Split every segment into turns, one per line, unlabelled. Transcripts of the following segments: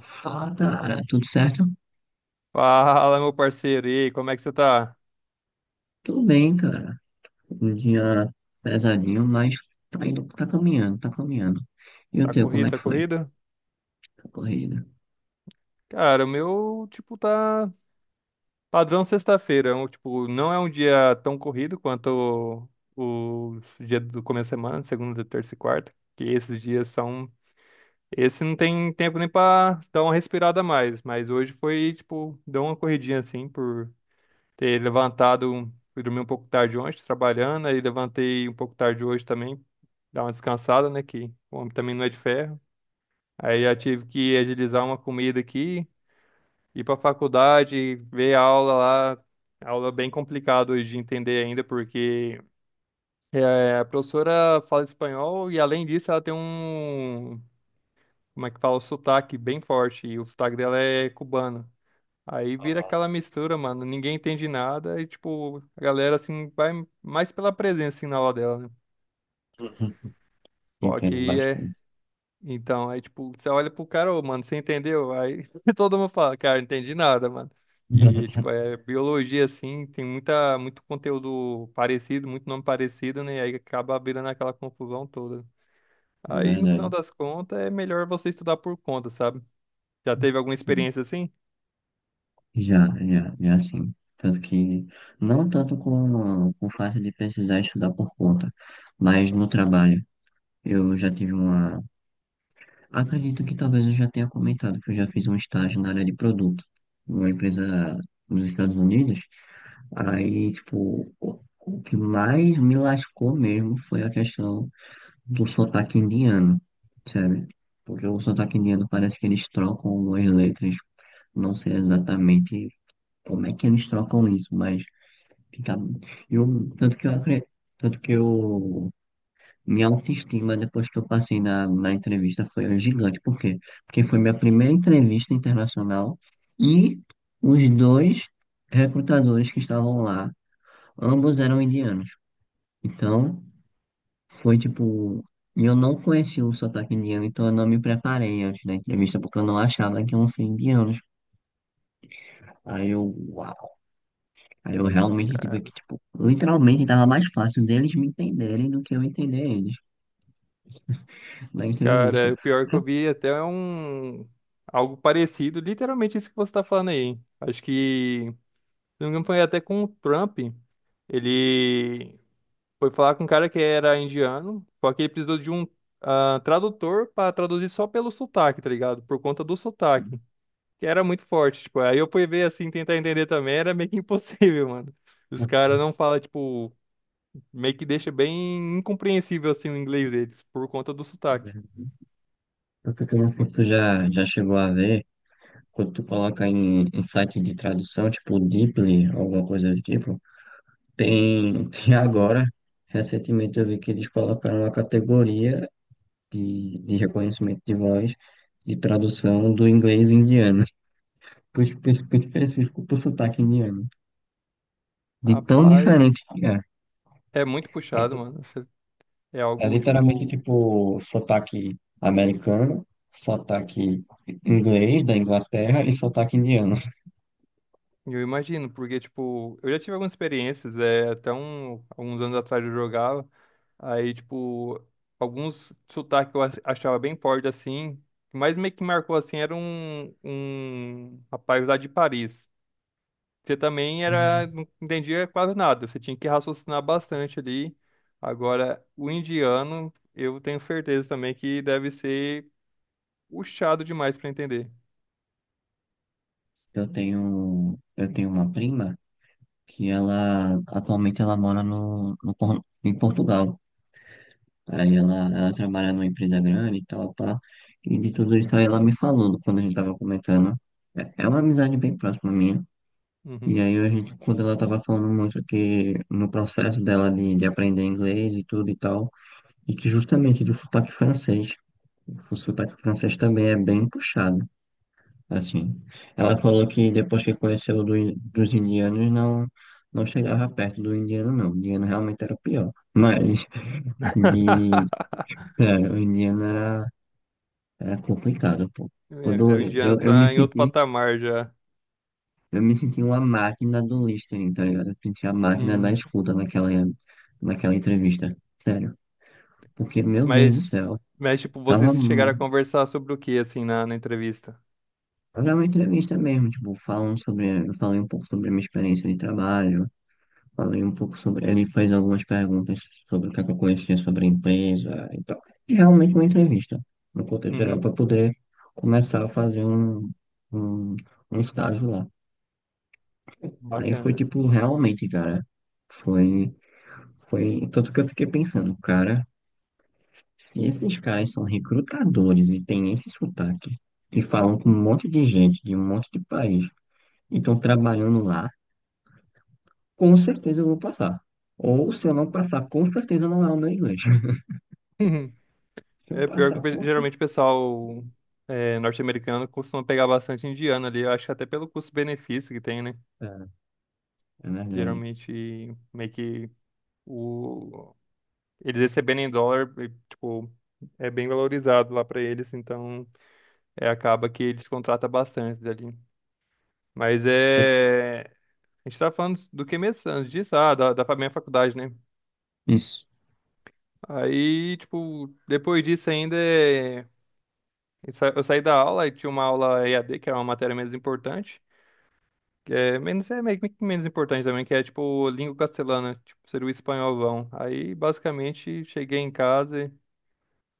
Fala, cara, tudo certo?
Fala, meu parceiro. E aí, como é que você tá?
Tudo bem, cara. Um dia pesadinho, mas tá indo, tá caminhando, tá caminhando. E o
Tá
teu, como
corrido,
é que
tá
foi?
corrido?
A corrida?
Cara, o meu, tipo, tá padrão sexta-feira. É um, tipo, não é um dia tão corrido quanto o dia do começo da semana, segunda, terça e quarta. Que esses dias são. Esse não tem tempo nem pra dar uma respirada a mais. Mas hoje foi, tipo, deu uma corridinha assim, por ter levantado. Fui dormir um pouco tarde ontem, trabalhando. Aí levantei um pouco tarde hoje também. Dar uma descansada, né? Que o homem também não é de ferro. Aí já tive que agilizar uma comida aqui, ir pra faculdade, ver a aula lá. Aula bem complicada hoje de entender ainda, porque a professora fala espanhol e, além disso, ela tem um, como é que fala, um sotaque bem forte. E o sotaque dela é cubano. Aí vira aquela mistura, mano. Ninguém entende nada e, tipo, a galera, assim, vai mais pela presença, assim, na aula dela, né? Só
Entendo
que é.
bastante.
Então, aí, tipo, você olha pro cara, ô, mano, você entendeu? Aí todo mundo fala, cara, não entendi nada, mano. E, tipo, é biologia, assim, tem muita, muito conteúdo parecido, muito nome parecido, né? E aí acaba virando aquela confusão toda.
É
Aí, no final
verdade.
das contas, é melhor você estudar por conta, sabe? Já teve alguma
Sim.
experiência assim?
Já, já, já, sim. Tanto que, não tanto com o fato de precisar estudar por conta, mas no trabalho. Eu já tive uma. Acredito que talvez eu já tenha comentado que eu já fiz um estágio na área de produto, numa empresa nos Estados Unidos. Aí, tipo, o que mais me lascou mesmo foi a questão do sotaque indiano, sabe? Porque o sotaque indiano parece que eles trocam algumas letras. Não sei exatamente como é que eles trocam isso, mas fica. Eu, tanto que eu acredito. Tanto que eu, minha autoestima depois que eu passei na entrevista foi um gigante. Por quê? Porque foi minha primeira entrevista internacional e os dois recrutadores que estavam lá, ambos eram indianos. Então, foi tipo. E eu não conhecia o sotaque indiano, então eu não me preparei antes da entrevista, porque eu não achava que iam ser indianos. Aí eu, uau. Aí eu realmente tive que,
Cara,
tipo, literalmente tava mais fácil deles me entenderem do que eu entender eles na entrevista.
cara, o pior que eu
Mas,
vi até é um... algo parecido, literalmente isso que você tá falando aí. Acho que, se não me engano, foi até com o Trump. Ele foi falar com um cara que era indiano, só que ele precisou de um tradutor pra traduzir só pelo sotaque, tá ligado? Por conta do sotaque, que era muito forte, tipo, aí eu fui ver assim, tentar entender também, era meio que impossível, mano. Os caras não falam, tipo, meio que deixa bem incompreensível assim o inglês deles, por conta do sotaque.
eu não sei
Ma-
se tu já chegou a ver, quando tu coloca em, site de tradução, tipo Deeply, alguma coisa do tipo, tem, tem agora, recentemente eu vi que eles colocaram uma categoria de reconhecimento de voz de tradução do inglês indiano, por específico pro sotaque indiano, de tão
Rapaz,
diferente que é.
é muito
É,
puxado,
tipo-
mano. É
é
algo,
literalmente
tipo,
tipo sotaque americano, sotaque inglês da Inglaterra e sotaque indiano.
eu imagino, porque, tipo, eu já tive algumas experiências, até um, alguns anos atrás eu jogava. Aí, tipo, alguns sotaques que eu achava bem forte assim. O que mais meio que marcou assim era um, um rapaz lá de Paris. Você também era,
Hum.
não entendia quase nada. Você tinha que raciocinar bastante ali. Agora, o indiano, eu tenho certeza também que deve ser puxado demais para entender.
Eu tenho uma prima que ela atualmente ela mora no, no Por- em Portugal. Aí ela trabalha numa empresa grande e tal, pá. E de tudo isso aí ela me falou quando a gente tava comentando. É uma amizade bem próxima minha. E
Uhum.
aí a gente, quando ela tava falando muito que no processo dela de, aprender inglês e tudo e tal, e que justamente do sotaque francês, o sotaque francês também é bem puxado, assim. Ela falou que depois que conheceu dos indianos, não, não chegava perto do indiano, não. O indiano realmente era o pior. Mas, de, cara, o indiano era complicado, pô.
É,
Quando
o indiano
eu me
tá em outro
senti.
patamar já.
Eu me senti uma máquina do listening, tá ligado? Eu me senti a máquina da
Uhum.
escuta naquela entrevista. Sério. Porque, meu Deus do
Mas,
céu,
mas, tipo,
tava.
vocês
mu-
chegaram a conversar sobre o que assim na, na entrevista?
era uma entrevista mesmo, tipo, falando sobre. Eu falei um pouco sobre a minha experiência de trabalho, falei um pouco sobre. Ele fez algumas perguntas sobre o que é que eu conhecia sobre a empresa e tal. E realmente uma entrevista, no contexto geral,
Uhum,
para poder começar a fazer um, um estágio lá. Aí foi,
bacana.
tipo, realmente, cara. Foi. Foi tanto que eu fiquei pensando, cara, se esses caras são recrutadores e têm esse sotaque, e falam com um monte de gente de um monte de país e estão trabalhando lá, com certeza eu vou passar. Ou se eu não passar, com certeza não é o meu inglês.
Uhum.
Se eu
É pior que o
passar, com certeza,
geralmente o pessoal norte-americano costuma pegar bastante indiano ali. Eu acho que até pelo custo-benefício que tem, né?
é verdade.
Geralmente meio que o... eles recebendo em dólar, e, tipo, é bem valorizado lá pra eles, então acaba que eles contratam bastante ali. Mas
Tanto-
é. A gente tá falando do que mesmo antes disso? Ah, da, da minha faculdade, né?
Isso.
Aí, tipo, depois disso ainda é. Eu saí da aula e tinha uma aula EAD, que era uma matéria menos importante, que é menos, é meio que menos importante também, que é tipo língua castelhana, tipo, seria o espanholão. Aí, basicamente, cheguei em casa e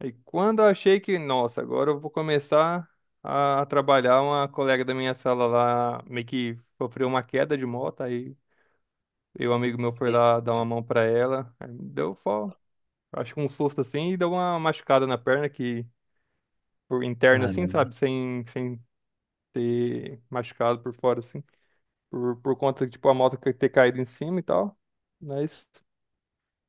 aí quando eu achei que, nossa, agora eu vou começar a trabalhar, uma colega da minha sala lá meio que sofreu uma queda de moto, aí eu, um amigo meu foi lá dar uma mão pra ela, aí me deu só, acho que um susto assim, e deu uma machucada na perna que por interna assim,
Caramba.
sabe, sem, sem ter machucado por fora, assim, por conta, tipo, a moto ter caído em cima e tal. Mas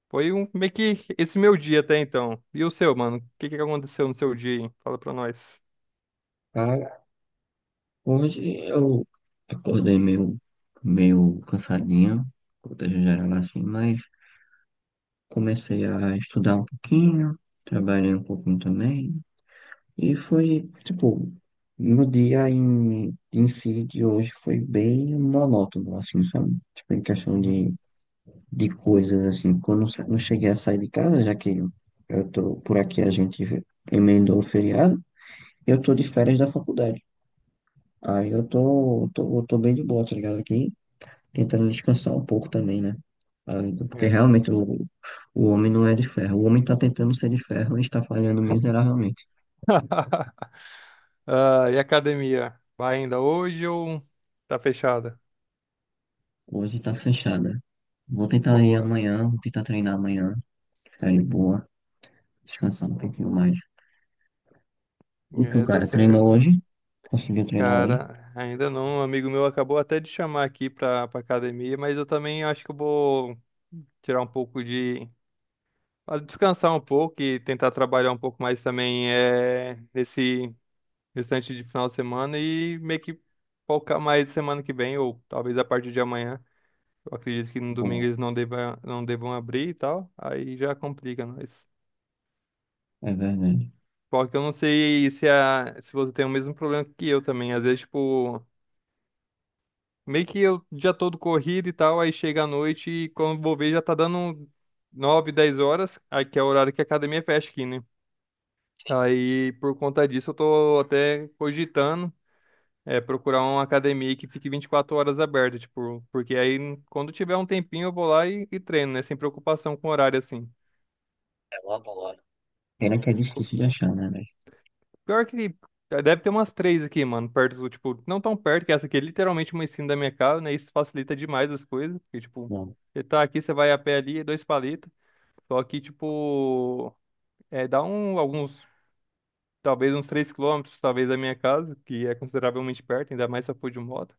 foi um, meio que esse meu dia até então. E o seu, mano? O que que aconteceu no seu dia, hein? Fala pra nós.
Cara, hoje eu acordei meio, cansadinho, contexto geral assim, mas. Comecei a estudar um pouquinho, trabalhei um pouquinho também, e foi, tipo, no dia em, si de hoje foi bem monótono, assim, sabe? Tipo, em questão
Uhum.
de coisas, assim, quando eu não cheguei a sair de casa, já que eu tô, por aqui a gente emendou o feriado, eu tô de férias da faculdade. Aí eu tô bem de boa, tá ligado? Aqui tentando descansar um pouco também, né? Ah, porque
É.
realmente o homem não é de ferro. O homem está tentando ser de ferro e está falhando miseravelmente.
Ah, e a academia? Vai ainda hoje ou tá fechada?
Hoje está fechada. Vou tentar ir
Boa.
amanhã, vou tentar treinar amanhã, ficar de boa, descansar um pouquinho mais. E tu,
É, tá
cara, treinou
certo.
hoje? Conseguiu treinar hoje?
Cara, ainda não. Um amigo meu acabou até de chamar aqui pra, pra academia, mas eu também acho que eu vou tirar um pouco de para descansar um pouco e tentar trabalhar um pouco mais também nesse restante de final de semana e meio que focar mais semana que vem, ou talvez a partir de amanhã. Eu acredito que no domingo
Boa,
eles não devam, não devam abrir e tal, aí já complica, mas.
é verdade.
Só que eu não sei se você tem o mesmo problema que eu também. Às vezes, tipo, meio que eu já todo corrido e tal, aí chega à noite e quando vou ver já tá dando 9 10 horas, aí que é o horário que a academia fecha aqui, né? Aí, por conta disso, eu tô até cogitando procurar uma academia que fique 24 horas aberta, tipo, porque aí quando tiver um tempinho eu vou lá e treino, né? Sem preocupação com horário, assim.
É uma boa. Pena que é
Co-
difícil de achar, né, velho?
Pior que deve ter umas três aqui, mano, perto do, tipo, não tão perto, que essa aqui é literalmente uma esquina da minha casa, né? Isso facilita demais as coisas, porque, tipo,
Bom,
você tá aqui, você vai a pé ali, é dois palitos. Só que, tipo, dá um, alguns, talvez uns 3 quilômetros, talvez, da minha casa, que é consideravelmente perto, ainda mais se eu for de moto.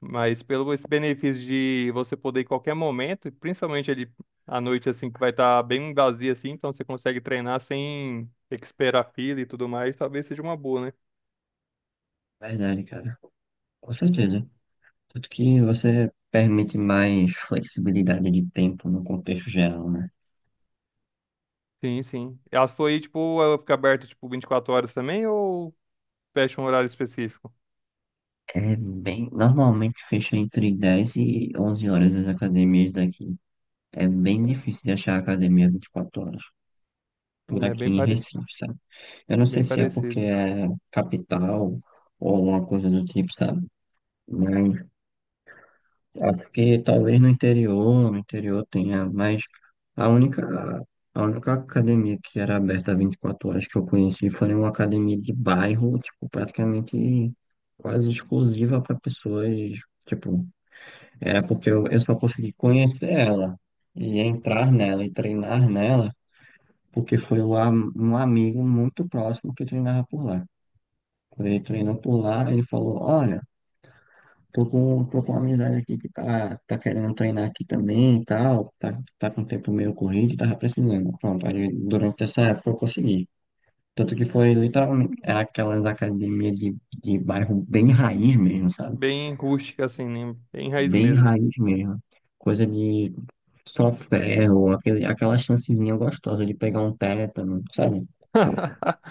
Mas pelo esse benefício de você poder ir em qualquer momento, e principalmente ali à noite, assim, que vai estar bem vazio, assim, então você consegue treinar sem ter que esperar fila e tudo mais, talvez seja uma boa, né?
verdade, cara. Com certeza. Tanto que você permite mais flexibilidade de tempo no contexto geral, né?
Sim, sim. Ela foi, tipo, ela fica aberta, tipo, 24 horas também ou fecha um horário específico?
É bem, normalmente fecha entre 10 e 11 horas as academias daqui. É bem difícil de achar academia 24 horas por
É
aqui
bem
em
parecido,
Recife, sabe? Eu não
bem
sei se é porque
parecido.
é capital ou alguma coisa do tipo, sabe? Mas é porque talvez no interior, tenha, mas a única, a única academia que era aberta 24 horas que eu conheci foi uma academia de bairro, tipo, praticamente quase exclusiva para pessoas, tipo, era porque eu só consegui conhecer ela e entrar nela e treinar nela, porque foi um amigo muito próximo que treinava por lá. Quando ele treinou por lá, ele falou, olha, Tô com uma amizade aqui que tá querendo treinar aqui também e tal. Tá com o tempo meio corrido e tava precisando. Pronto, aí durante essa época eu consegui. Tanto que foi literalmente era aquelas academias de, bairro bem raiz mesmo, sabe?
Bem rústica, assim, né? Bem raiz
Bem
mesmo.
raiz mesmo. Coisa de só ferro, aquela chancezinha gostosa de pegar um tétano, sabe?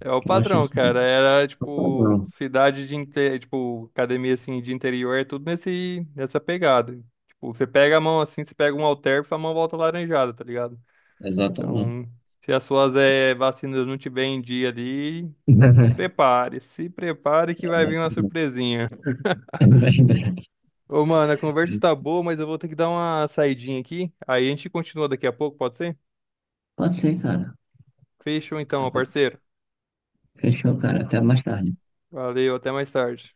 É o
Aquela
padrão,
chancezinha.
cara. Era tipo
Não,
cidade de tipo academia assim de interior, é tudo nesse nessa pegada. Tipo, você pega a mão assim, você pega um halter, a mão volta laranjada, tá ligado?
exatamente.
Então, se as suas vacinas não tiver em dia ali, se prepare que vai vir uma
Exatamente.
surpresinha.
É verdade.
Ô, mano, a conversa tá boa, mas eu vou ter que dar uma saidinha aqui. Aí a gente continua daqui a pouco, pode ser?
Pode ser, cara.
Fechou então, meu parceiro.
Fechou, cara. Até mais tarde.
Valeu, até mais tarde.